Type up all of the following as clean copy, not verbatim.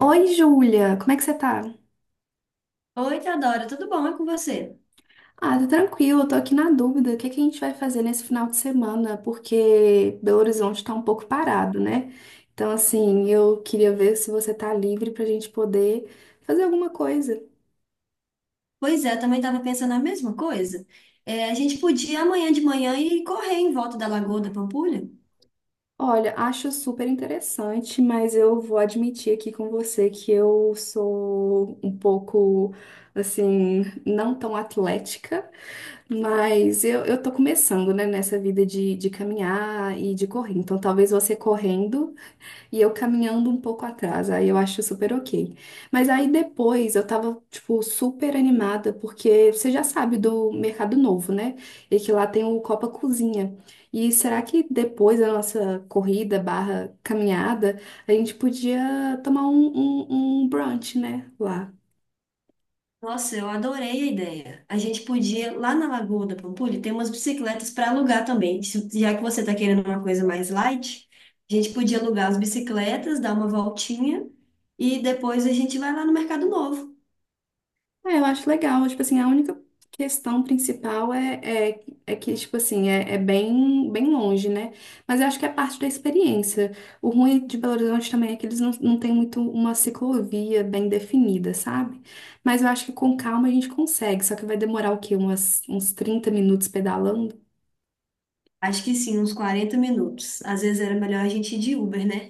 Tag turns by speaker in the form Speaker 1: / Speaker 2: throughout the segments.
Speaker 1: Oi, Júlia, como é que você tá?
Speaker 2: Oi, Teodora, tudo bom? É com você?
Speaker 1: Ah, tô tranquilo, tô aqui na dúvida, o que é que a gente vai fazer nesse final de semana, porque Belo Horizonte tá um pouco parado, né? Então, assim, eu queria ver se você tá livre pra gente poder fazer alguma coisa.
Speaker 2: Pois é, eu também estava pensando a mesma coisa. É, a gente podia amanhã de manhã ir correr em volta da Lagoa da Pampulha?
Speaker 1: Olha, acho super interessante, mas eu vou admitir aqui com você que eu sou um pouco, assim, não tão atlética, mas eu tô começando, né, nessa vida de caminhar e de correr. Então, talvez você correndo e eu caminhando um pouco atrás, aí eu acho super ok. Mas aí depois eu tava, tipo, super animada, porque você já sabe do Mercado Novo, né? E que lá tem o Copa Cozinha. E será que depois da nossa corrida barra caminhada, a gente podia tomar um brunch, né? Lá.
Speaker 2: Nossa, eu adorei a ideia. A gente podia, lá na Lagoa da Pampulha, ter umas bicicletas para alugar também. Já que você está querendo uma coisa mais light, a gente podia alugar as bicicletas, dar uma voltinha e depois a gente vai lá no Mercado Novo.
Speaker 1: É, eu acho legal. Tipo assim, a única questão principal é que, tipo assim, é, é bem, bem longe, né? Mas eu acho que é parte da experiência. O ruim de Belo Horizonte também é que eles não têm muito uma ciclovia bem definida, sabe? Mas eu acho que com calma a gente consegue. Só que vai demorar o quê? Uns 30 minutos pedalando?
Speaker 2: Acho que sim, uns 40 minutos. Às vezes era melhor a gente ir de Uber, né?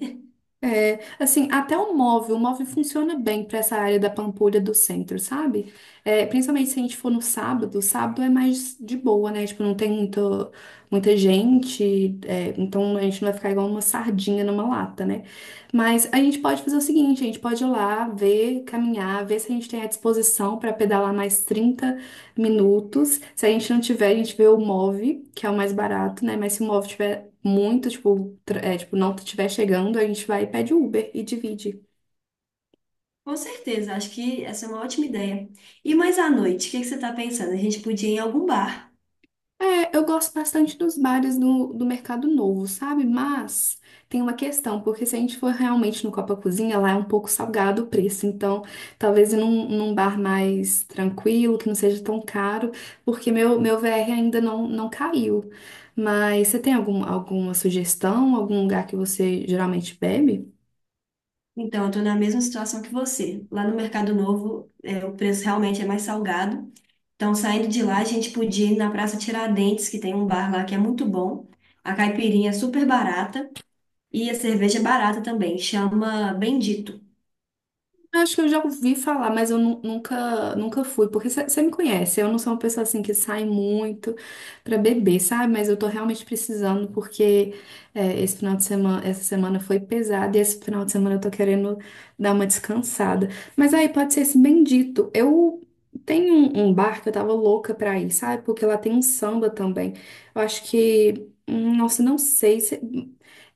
Speaker 1: É, assim, o móvel funciona bem para essa área da Pampulha do centro, sabe? É, principalmente se a gente for no sábado, sábado é mais de boa, né? Tipo, não tem muito, muita gente, é, então a gente não vai ficar igual uma sardinha numa lata, né? Mas a gente pode fazer o seguinte, a gente pode ir lá, ver, caminhar, ver se a gente tem a disposição para pedalar mais 30 minutos. Se a gente não tiver, a gente vê o Move, que é o mais barato, né? Mas se o Move muito, tipo, não estiver chegando, a gente vai e pede Uber e divide.
Speaker 2: Com certeza, acho que essa é uma ótima ideia. E mais à noite, o que que você está pensando? A gente podia ir em algum bar.
Speaker 1: É, eu gosto bastante dos bares do Mercado Novo, sabe? Mas tem uma questão, porque se a gente for realmente no Copa Cozinha, lá é um pouco salgado o preço. Então, talvez ir num bar mais tranquilo, que não seja tão caro, porque meu VR ainda não caiu. Mas você tem algum, alguma sugestão, algum lugar que você geralmente bebe?
Speaker 2: Então, eu estou na mesma situação que você. Lá no Mercado Novo, é, o preço realmente é mais salgado. Então, saindo de lá, a gente podia ir na Praça Tiradentes, que tem um bar lá que é muito bom. A caipirinha é super barata e a cerveja é barata também. Chama Bendito. O
Speaker 1: Eu acho que eu já ouvi falar, mas eu nunca fui, porque você me conhece, eu não sou uma pessoa assim que sai muito pra beber, sabe? Mas eu tô realmente precisando, porque é, esse final de semana, essa semana foi pesada e esse final de semana eu tô querendo dar uma descansada. Mas aí pode ser esse bendito. Eu tenho um bar que eu tava louca pra ir, sabe? Porque lá tem um samba também. Eu acho que, nossa, não sei se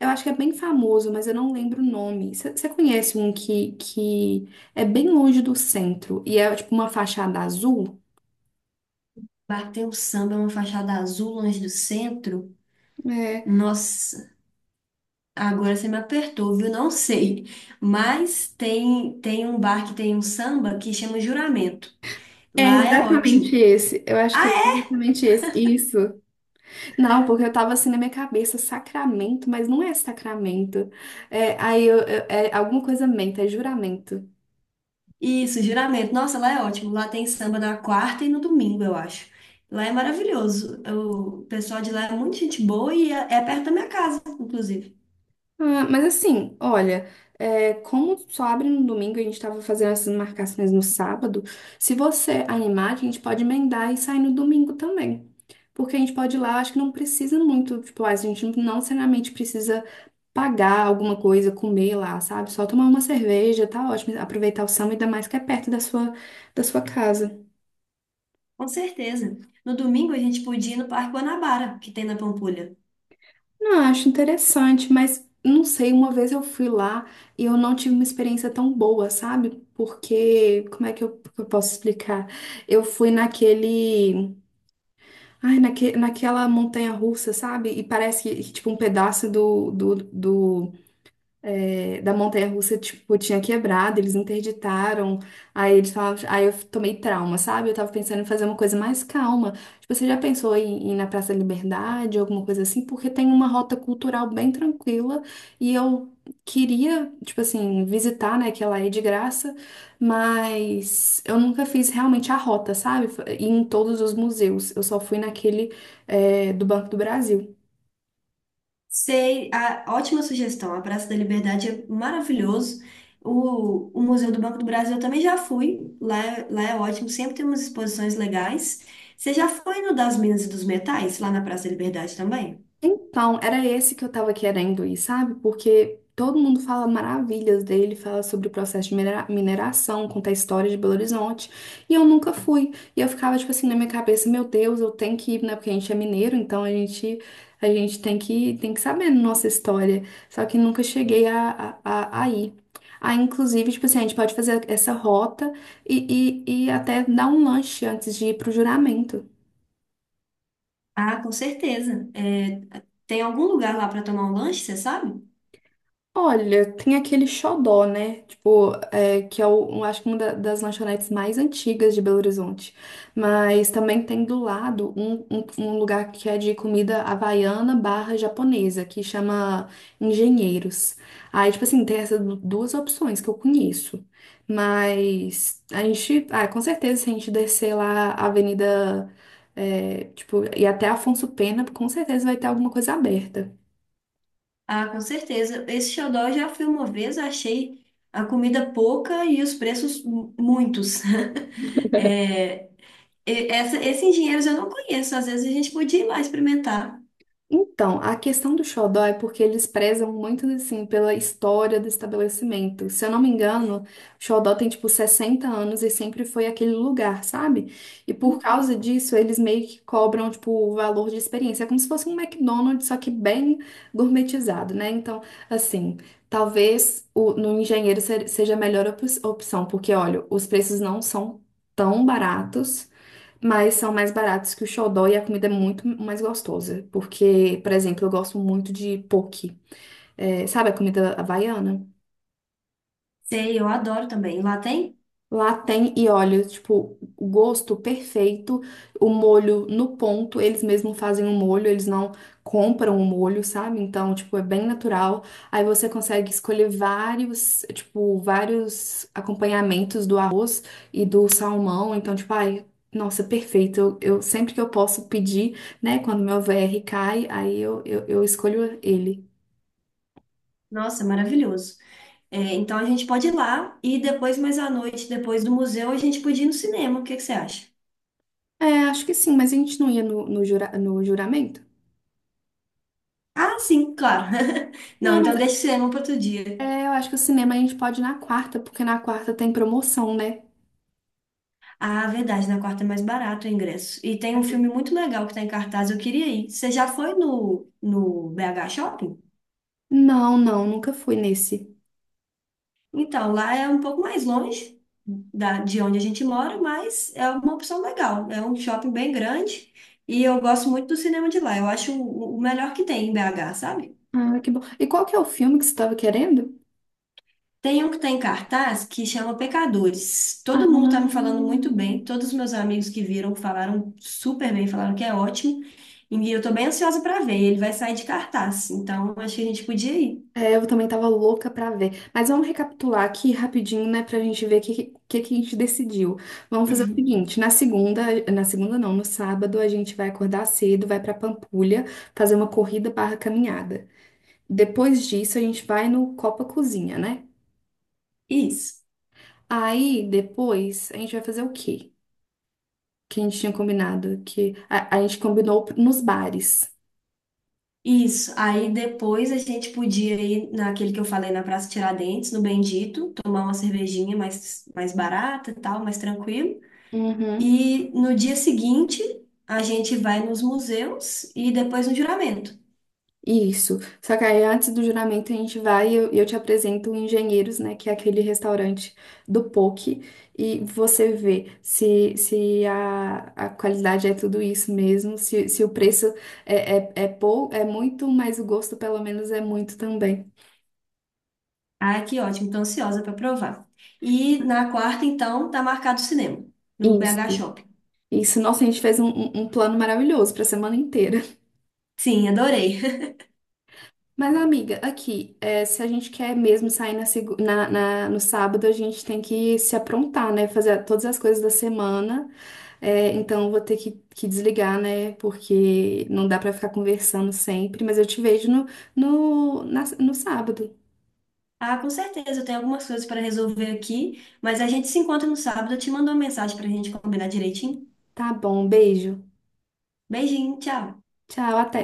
Speaker 1: eu acho que é bem famoso, mas eu não lembro o nome. Você conhece um que é bem longe do centro e é tipo uma fachada azul.
Speaker 2: bar que tem um samba, uma fachada azul longe do centro.
Speaker 1: É,
Speaker 2: Nossa, agora você me apertou, viu? Não sei. Mas tem um bar que tem um samba que chama Juramento.
Speaker 1: é
Speaker 2: Lá é
Speaker 1: exatamente
Speaker 2: ótimo.
Speaker 1: esse. Eu acho
Speaker 2: Ah,
Speaker 1: que é
Speaker 2: é?
Speaker 1: exatamente esse. Isso. Não, porque eu tava assim na minha cabeça, Sacramento, mas não é Sacramento. É, aí é alguma coisa menta, é juramento.
Speaker 2: Isso, Juramento. Nossa, lá é ótimo. Lá tem samba na quarta e no domingo, eu acho. Lá é maravilhoso. O pessoal de lá é muito gente boa e é perto da minha casa, inclusive.
Speaker 1: Ah, mas assim, olha, é, como só abre no domingo e a gente tava fazendo essas marcações no sábado, se você animar, a gente pode emendar e sair no domingo também. Porque a gente pode ir lá, acho que não precisa muito, tipo, a gente não necessariamente precisa pagar alguma coisa, comer lá, sabe? Só tomar uma cerveja, tá ótimo. Aproveitar o samba, ainda mais que é perto da sua casa.
Speaker 2: Com certeza. No domingo a gente podia ir no Parque Guanabara, que tem na Pampulha.
Speaker 1: Não, eu acho interessante, mas não sei, uma vez eu fui lá e eu não tive uma experiência tão boa, sabe? Porque, como é que que eu posso explicar? Eu fui naquele, ai, naque, naquela montanha-russa, sabe? E parece que, tipo, um pedaço da montanha-russa, tipo, tinha quebrado, eles interditaram, aí eles falavam, aí eu tomei trauma, sabe? Eu tava pensando em fazer uma coisa mais calma. Tipo, você já pensou em ir na Praça da Liberdade, alguma coisa assim? Porque tem uma rota cultural bem tranquila e eu queria, tipo assim, visitar, né, que ela é de graça, mas eu nunca fiz realmente a rota, sabe? Ir em todos os museus, eu só fui naquele, é, do Banco do Brasil.
Speaker 2: Sei, ótima sugestão. A Praça da Liberdade é maravilhoso. O Museu do Banco do Brasil eu também já fui. Lá é ótimo, sempre tem umas exposições legais. Você já foi no das Minas e dos Metais, lá na Praça da Liberdade também?
Speaker 1: Então, era esse que eu tava querendo ir, sabe? Porque todo mundo fala maravilhas dele, fala sobre o processo de mineração, conta a história de Belo Horizonte, e eu nunca fui. E eu ficava, tipo assim, na minha cabeça, meu Deus, eu tenho que ir, né? Porque a gente é mineiro, então a gente tem tem que saber a nossa história. Só que nunca cheguei a ir. Aí, inclusive, tipo assim, a gente pode fazer essa rota e até dar um lanche antes de ir pro juramento.
Speaker 2: Ah, com certeza. É, tem algum lugar lá para tomar um lanche, você sabe?
Speaker 1: Olha, tem aquele xodó, né? Tipo, é, que é, o, um- acho que uma das lanchonetes mais antigas de Belo Horizonte. Mas também tem do lado um lugar que é de comida havaiana barra japonesa, que chama Engenheiros. Aí, tipo assim, tem essas duas opções que eu conheço. Mas a gente, ah, com certeza, se a gente descer lá a Avenida, é, tipo, e até Afonso Pena, com certeza vai ter alguma coisa aberta.
Speaker 2: Ah, com certeza. Esse xodó eu já fui uma vez, achei a comida pouca e os preços muitos. É, esses engenheiros eu não conheço. Às vezes a gente podia ir lá experimentar.
Speaker 1: Então, a questão do xodó é porque eles prezam muito, assim, pela história do estabelecimento. Se eu não me engano, xodó tem, tipo, 60 anos e sempre foi aquele lugar, sabe? E por causa disso, eles meio que cobram, tipo, o valor de experiência. É como se fosse um McDonald's, só que bem gourmetizado, né? Então, assim, talvez no engenheiro seja a melhor opção, porque, olha, os preços não são tão baratos. Mas são mais baratos que o xodó e a comida é muito mais gostosa. Porque, por exemplo, eu gosto muito de poke. É, sabe a comida havaiana?
Speaker 2: Sei, eu adoro também. Lá tem?
Speaker 1: Lá tem, e olha, tipo, o gosto perfeito, o molho no ponto, eles mesmos fazem o molho, eles não compram o molho, sabe? Então, tipo, é bem natural. Aí você consegue escolher vários, tipo, vários acompanhamentos do arroz e do salmão. Então, tipo, ai, nossa, é perfeito. Sempre que eu posso pedir, né, quando meu VR cai, aí eu escolho ele.
Speaker 2: Nossa, maravilhoso. É, então a gente pode ir lá e depois, mais à noite, depois do museu, a gente podia ir no cinema. O que que você acha?
Speaker 1: É, acho que sim, mas a gente não ia no juramento?
Speaker 2: Ah, sim, claro. Não,
Speaker 1: Não, mas
Speaker 2: então deixa o cinema para outro dia.
Speaker 1: É, eu acho que o cinema a gente pode ir na quarta, porque na quarta tem promoção, né?
Speaker 2: Ah, verdade, na quarta é mais barato o ingresso. E tem um filme muito legal que está em cartaz, eu queria ir. Você já foi no BH Shopping?
Speaker 1: Não, nunca fui nesse.
Speaker 2: Então, lá é um pouco mais longe da, de onde a gente mora, mas é uma opção legal. É um shopping bem grande e eu gosto muito do cinema de lá. Eu acho o melhor que tem em BH, sabe?
Speaker 1: Ah, que bom. E qual que é o filme que você estava querendo?
Speaker 2: Tem um que tem cartaz que chama Pecadores.
Speaker 1: Ah,
Speaker 2: Todo mundo tá me falando muito bem. Todos os meus amigos que viram falaram super bem, falaram que é ótimo. E eu tô bem ansiosa para ver. Ele vai sair de cartaz, então acho que a gente podia ir.
Speaker 1: é, eu também tava louca pra ver. Mas vamos recapitular aqui rapidinho, né, pra gente ver que a gente decidiu. Vamos fazer o seguinte, na segunda não, no sábado a gente vai acordar cedo, vai pra Pampulha fazer uma corrida barra caminhada. Depois disso a gente vai no Copa Cozinha, né?
Speaker 2: Isso.
Speaker 1: Aí, depois, a gente vai fazer o quê? Que a gente tinha combinado, a gente combinou nos bares.
Speaker 2: Isso. Aí depois a gente podia ir naquele que eu falei na Praça Tiradentes, no Bendito, tomar uma cervejinha mais barata e tal, mais tranquilo.
Speaker 1: Uhum.
Speaker 2: E no dia seguinte a gente vai nos museus e depois no juramento.
Speaker 1: Isso. Só que aí, antes do juramento, a gente vai e eu te apresento o Engenheiros, né? Que é aquele restaurante do poke. E você vê se, se a, a qualidade é tudo isso mesmo, se o preço é muito, mas o gosto, pelo menos, é muito também.
Speaker 2: Ah, que ótimo, tô ansiosa para provar. E na quarta, então, tá marcado o cinema, no
Speaker 1: Isso.
Speaker 2: BH Shopping.
Speaker 1: Isso. Nossa, a gente fez um, um plano maravilhoso para semana inteira.
Speaker 2: Sim, adorei.
Speaker 1: Mas, amiga, aqui, é, se a gente quer mesmo sair na, segu- na- na- no sábado, a gente tem que se aprontar, né? Fazer todas as coisas da semana. É, então, eu vou ter que desligar, né? Porque não dá pra ficar conversando sempre. Mas eu te vejo no sábado.
Speaker 2: Ah, com certeza, eu tenho algumas coisas para resolver aqui, mas a gente se encontra no sábado. Eu te mando uma mensagem para a gente combinar direitinho.
Speaker 1: Tá bom, beijo.
Speaker 2: Beijinho, tchau.
Speaker 1: Tchau, até.